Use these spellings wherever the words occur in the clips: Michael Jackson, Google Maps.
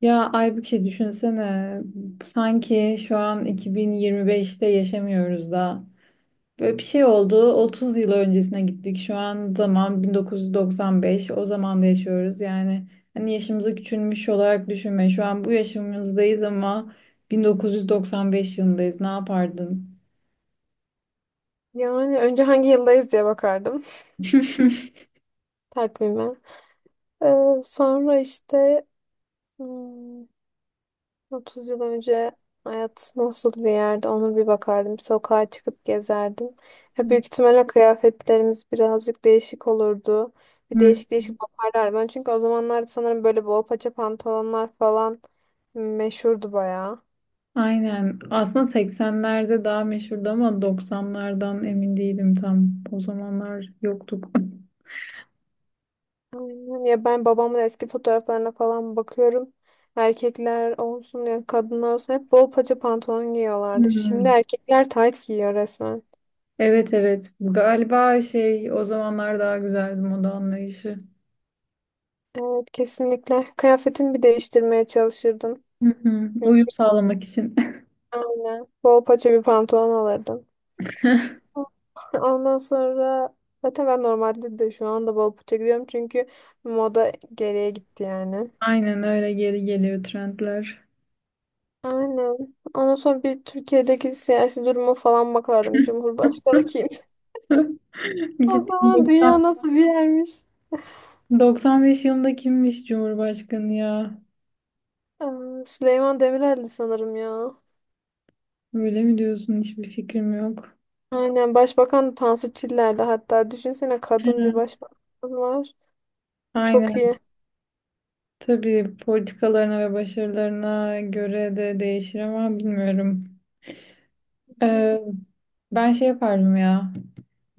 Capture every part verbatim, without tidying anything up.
Ya Aybüke, düşünsene, sanki şu an iki bin yirmi beşte yaşamıyoruz da böyle bir şey oldu, otuz yıl öncesine gittik, şu an zaman bin dokuz yüz doksan beş, o zaman da yaşıyoruz yani. Hani yaşımızı küçülmüş olarak düşünme, şu an bu yaşımızdayız ama bin dokuz yüz doksan beş yılındayız, ne yapardın? Yani önce hangi yıldayız diye bakardım takvime. Ee, Sonra işte hmm, otuz yıl önce hayat nasıl bir yerde onu bir bakardım. Sokağa çıkıp gezerdim. Ya büyük ihtimalle kıyafetlerimiz birazcık değişik olurdu. Bir Hı. değişik değişik bakarlar. Ben çünkü o zamanlarda sanırım böyle bol paça pantolonlar falan meşhurdu bayağı. Aynen, aslında seksenlerde daha meşhurdu ama doksanlardan emin değilim, tam o zamanlar yoktuk. Aynen. Ya ben babamın eski fotoğraflarına falan bakıyorum. Erkekler olsun ya kadınlar olsun hep bol paça pantolon giyiyorlardı. Hı. Şimdi erkekler tayt giyiyor resmen. Evet, evet, galiba şey, o zamanlar daha güzeldi moda anlayışı. Evet, kesinlikle. Kıyafetimi bir değiştirmeye çalışırdım. Hı hı. Çünkü Uyum sağlamak için. aynen bol paça bir pantolon alırdım. Ondan sonra zaten ben normalde de şu anda bol paça giyiyorum çünkü moda geriye gitti yani. Aynen öyle, geri geliyor trendler. Aynen. Ondan sonra bir Türkiye'deki siyasi duruma falan bakardım. Cumhurbaşkanı kim? O Cidden, zaman dünya doksan nasıl bir yermiş? doksan beş yılında kimmiş Cumhurbaşkanı ya? Aa, Süleyman Demirel'di sanırım ya. Öyle mi diyorsun? Hiçbir fikrim yok. Aynen, başbakan Tansu Çiller'di hatta. Düşünsene, kadın bir başbakan var. Çok Aynen. iyi. Tabii politikalarına ve başarılarına göre de değişir ama bilmiyorum. Ee, ben şey yapardım ya.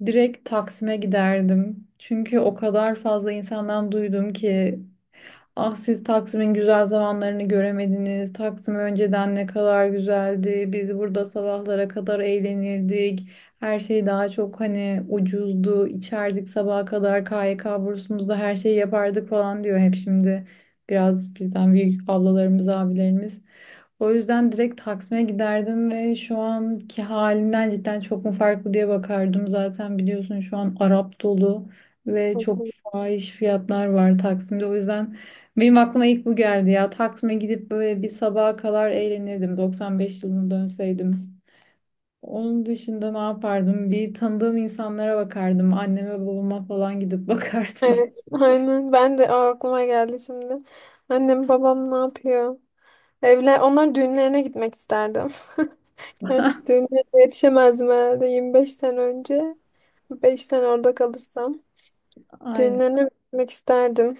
Direkt Taksim'e giderdim. Çünkü o kadar fazla insandan duydum ki: "Ah, siz Taksim'in güzel zamanlarını göremediniz. Taksim önceden ne kadar güzeldi. Biz burada sabahlara kadar eğlenirdik. Her şey daha çok hani ucuzdu. İçerdik sabaha kadar, K Y K bursumuzda her şeyi yapardık" falan diyor hep şimdi. Biraz bizden büyük ablalarımız, abilerimiz. O yüzden direkt Taksim'e giderdim ve şu anki halinden cidden çok mu farklı diye bakardım. Zaten biliyorsun, şu an Arap dolu ve çok fahiş fiyatlar var Taksim'de. O yüzden benim aklıma ilk bu geldi ya. Taksim'e gidip böyle bir sabaha kadar eğlenirdim, doksan beş yılına dönseydim. Onun dışında ne yapardım? Bir tanıdığım insanlara bakardım. Anneme babama falan gidip bakardım. Evet, aynen. Ben de aa, aklıma geldi şimdi. Annem babam ne yapıyor? Evler, onlar düğünlerine gitmek isterdim. Gerçi düğünlerine yetişemezdim herhalde yirmi beş sene önce. Beş sene orada kalırsam. Aynen. Düğünlerine gitmek isterdim.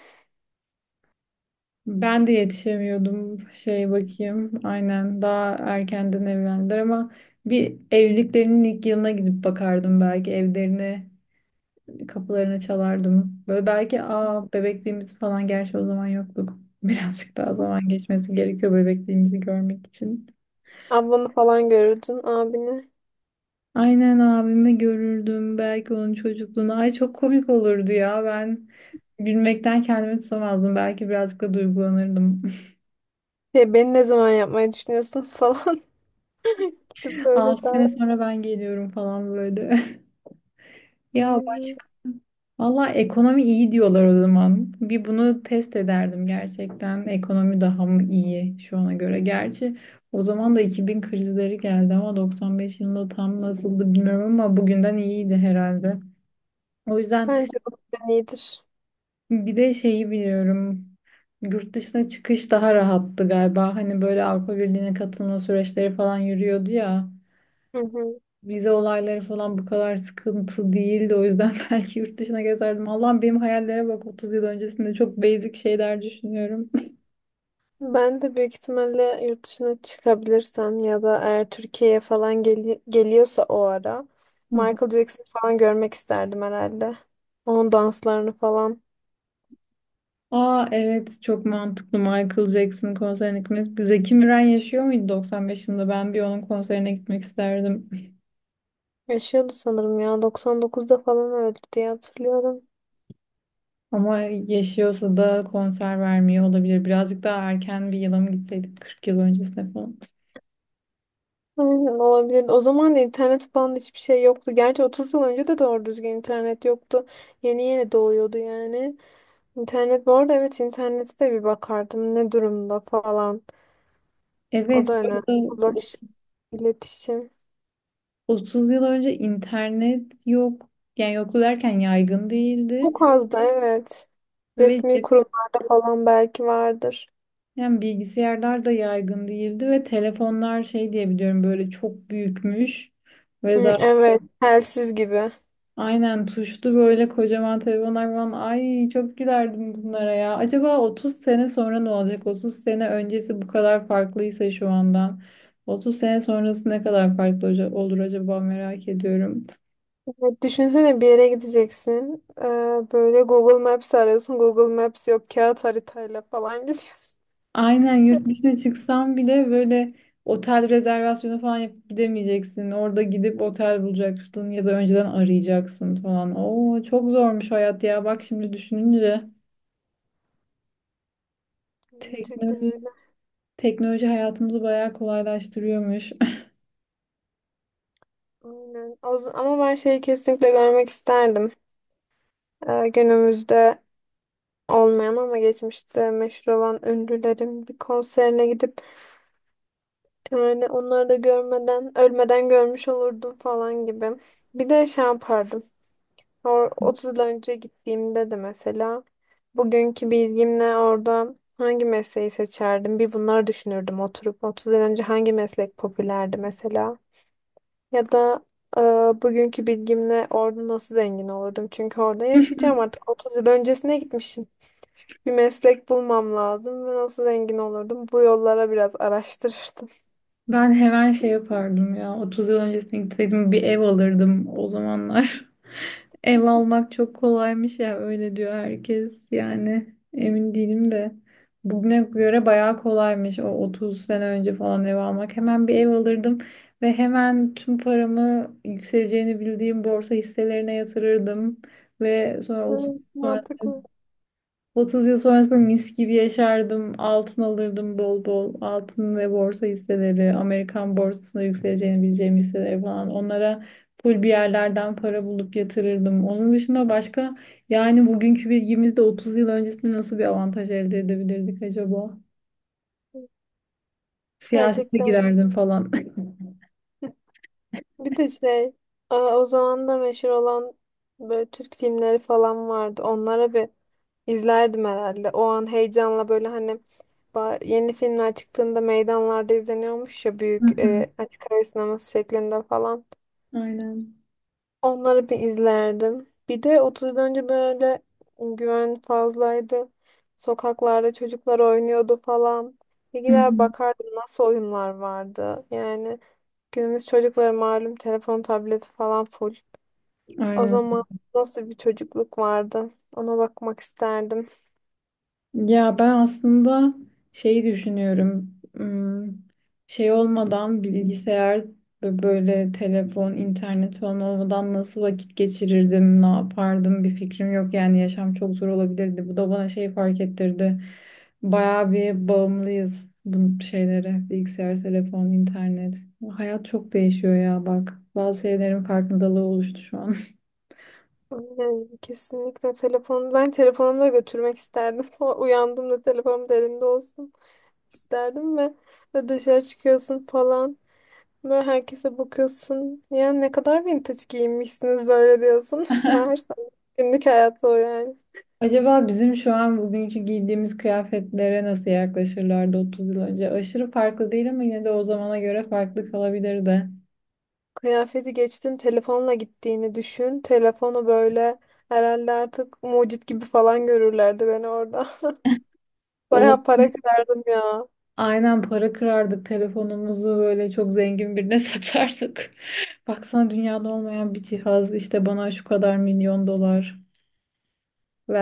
Ben de yetişemiyordum. Şey bakayım. Aynen. Daha erkenden evlendiler ama bir evliliklerinin ilk yılına gidip bakardım belki, evlerine kapılarını çalardım. Böyle belki aa bebekliğimiz falan, gerçi o zaman yoktuk. Birazcık daha zaman geçmesi gerekiyor bebekliğimizi görmek için. Ablanı falan görürdün, abini. Aynen, abimi görürdüm. Belki onun çocukluğunu. Ay çok komik olurdu ya. Ben gülmekten kendimi tutamazdım. Belki birazcık da duygulanırdım. Şey, beni ne zaman yapmayı düşünüyorsunuz falan gibi böyle altı daha. sene sonra ben geliyorum falan böyle. Ya Aynen. başka. Valla, ekonomi iyi diyorlar o zaman. Bir bunu test ederdim gerçekten. Ekonomi daha mı iyi şu ana göre? Gerçi o zaman da iki bin krizleri geldi ama doksan beş yılında tam nasıldı bilmiyorum, ama bugünden iyiydi herhalde. O yüzden Bence bu plan iyidir. bir de şeyi biliyorum. Yurt dışına çıkış daha rahattı galiba. Hani böyle Avrupa Birliği'ne katılma süreçleri falan yürüyordu ya. Hı hı. Vize olayları falan bu kadar sıkıntı değildi. O yüzden belki yurt dışına gezerdim. Allah'ım benim hayallere bak, otuz yıl öncesinde çok basic şeyler düşünüyorum. Ben de büyük ihtimalle yurt dışına çıkabilirsem ya da eğer Türkiye'ye falan geli- geliyorsa o ara Hı hı. Michael Jackson falan görmek isterdim herhalde. Onun danslarını falan. Aa evet, çok mantıklı Michael Jackson konserine gitmek. Zeki Müren yaşıyor muydu doksan beş yılında? Ben bir onun konserine gitmek isterdim. Yaşıyordu sanırım ya. doksan dokuzda falan öldü diye hatırlıyorum. Ama yaşıyorsa da konser vermiyor olabilir. Birazcık daha erken bir yıla mı gitseydik, kırk yıl öncesine falan. Aynen, olabilir. O zaman da internet falan da hiçbir şey yoktu. Gerçi otuz yıl önce de doğru düzgün internet yoktu. Yeni yeni doğuyordu yani. İnternet bu arada, evet, internete de bir bakardım ne durumda falan. O Evet, da bu önemli. arada o- Ulaş, iletişim. otuz yıl önce internet yok. Yani yoktu derken yaygın Çok değildi. az da, evet. Ve Resmi kurumlarda falan belki vardır. cepten bilgisayarlar da yaygın değildi ve telefonlar şey diye biliyorum, böyle çok büyükmüş. Ve Hı, zaten evet, telsiz gibi. aynen tuşlu böyle kocaman telefonlar falan. Ay çok gülerdim bunlara ya. Acaba otuz sene sonra ne olacak? otuz sene öncesi bu kadar farklıysa şu andan, otuz sene sonrası ne kadar farklı hoca- olur acaba, merak ediyorum. Evet, düşünsene bir yere gideceksin. Ee, böyle Google Maps arıyorsun. Google Maps yok. Kağıt haritayla falan gidiyorsun. Aynen, yurt dışına çıksan bile böyle otel rezervasyonu falan yapıp gidemeyeceksin. Orada gidip otel bulacaksın ya da önceden arayacaksın falan. Oo çok zormuş hayat ya. Bak şimdi düşününce, Gerçekten teknoloji öyle. teknoloji hayatımızı bayağı kolaylaştırıyormuş. Aynen. O z- Ama ben şeyi kesinlikle görmek isterdim. Ee, günümüzde olmayan ama geçmişte meşhur olan ünlülerin bir konserine gidip yani onları da görmeden ölmeden görmüş olurdum falan gibi. Bir de şey yapardım. O- otuz yıl önce gittiğimde de mesela bugünkü bilgimle orada hangi mesleği seçerdim? Bir bunları düşünürdüm oturup otuz yıl önce hangi meslek popülerdi mesela? Ya da e, bugünkü bilgimle orada nasıl zengin olurdum? Çünkü orada yaşayacağım artık otuz yıl öncesine gitmişim. Bir meslek bulmam lazım ve nasıl zengin olurdum? Bu yollara biraz araştırırdım. Ben hemen şey yapardım ya. otuz yıl öncesine gitseydim bir ev alırdım o zamanlar. Ev almak çok kolaymış ya, öyle diyor herkes, yani emin değilim de bugüne göre bayağı kolaymış o otuz sene önce falan. Ev almak, hemen bir ev alırdım ve hemen tüm paramı yükseleceğini bildiğim borsa hisselerine yatırırdım ve sonra otuz Evet, mantıklı. otuz yıl sonrasında mis gibi yaşardım. Altın alırdım bol bol. Altın ve borsa hisseleri, Amerikan borsasında yükseleceğini bileceğim hisseleri falan. Onlara full bir yerlerden para bulup yatırırdım. Onun dışında başka, yani bugünkü bilgimizde otuz yıl öncesinde nasıl bir avantaj elde edebilirdik acaba? Siyasete Gerçekten. girerdim falan. Bir de şey, e, o zaman da meşhur olan böyle Türk filmleri falan vardı. Onlara bir izlerdim herhalde. O an heyecanla böyle hani ba- yeni filmler çıktığında meydanlarda izleniyormuş ya Hı büyük hı. e, açık hava sineması şeklinde falan. Aynen. Onları bir izlerdim. Bir de otuz yıl önce böyle güven fazlaydı. Sokaklarda çocuklar oynuyordu falan. Bir Hı gider hı. bakardım nasıl oyunlar vardı. Yani günümüz çocukları malum telefon, tableti falan full. O Aynen. zaman nasıl bir çocukluk vardı? Ona bakmak isterdim. Ya ben aslında şeyi düşünüyorum. Hmm, Şey olmadan, bilgisayar ve böyle telefon, internet falan olmadan nasıl vakit geçirirdim, ne yapardım, bir fikrim yok. Yani yaşam çok zor olabilirdi. Bu da bana şey fark ettirdi. Bayağı bir bağımlıyız bu şeylere. Bilgisayar, telefon, internet. Hayat çok değişiyor ya bak. Bazı şeylerin farkındalığı oluştu şu an. Yani kesinlikle telefonu, ben telefonumu da götürmek isterdim. O- Uyandığımda telefonum da elimde olsun isterdim ve ve dışarı çıkıyorsun falan. Böyle herkese bakıyorsun. Ya ne kadar vintage giyinmişsiniz böyle diyorsun. Meğerse günlük hayatı o yani. Acaba bizim şu an bugünkü giydiğimiz kıyafetlere nasıl yaklaşırlardı otuz yıl önce? Aşırı farklı değil ama yine de o zamana göre farklı kalabilirdi. Kıyafeti geçtim, telefonla gittiğini düşün. Telefonu böyle herhalde artık mucit gibi falan görürlerdi beni orada. Olup Bayağı para kırardım ya. aynen para kırardık, telefonumuzu böyle çok zengin birine satardık. Baksana, dünyada olmayan bir cihaz işte, bana şu kadar milyon dolar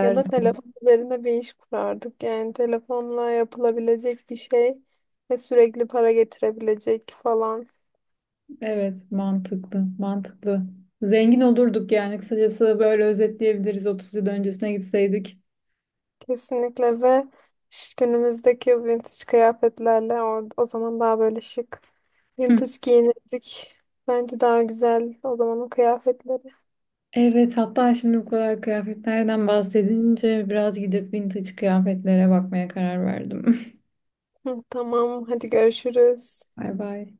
Ya da telefon üzerine bir iş kurardık. Yani telefonla yapılabilecek bir şey ve sürekli para getirebilecek falan. Evet, mantıklı, mantıklı. Zengin olurduk yani, kısacası böyle özetleyebiliriz, otuz yıl öncesine gitseydik. Kesinlikle ve ş- günümüzdeki vintage kıyafetlerle or- o zaman daha böyle şık vintage giyinirdik. Bence daha güzel o zamanın kıyafetleri. Evet, hatta şimdi bu kadar kıyafetlerden bahsedince biraz gidip vintage kıyafetlere bakmaya karar verdim. Hı, tamam, hadi görüşürüz. Bay bay.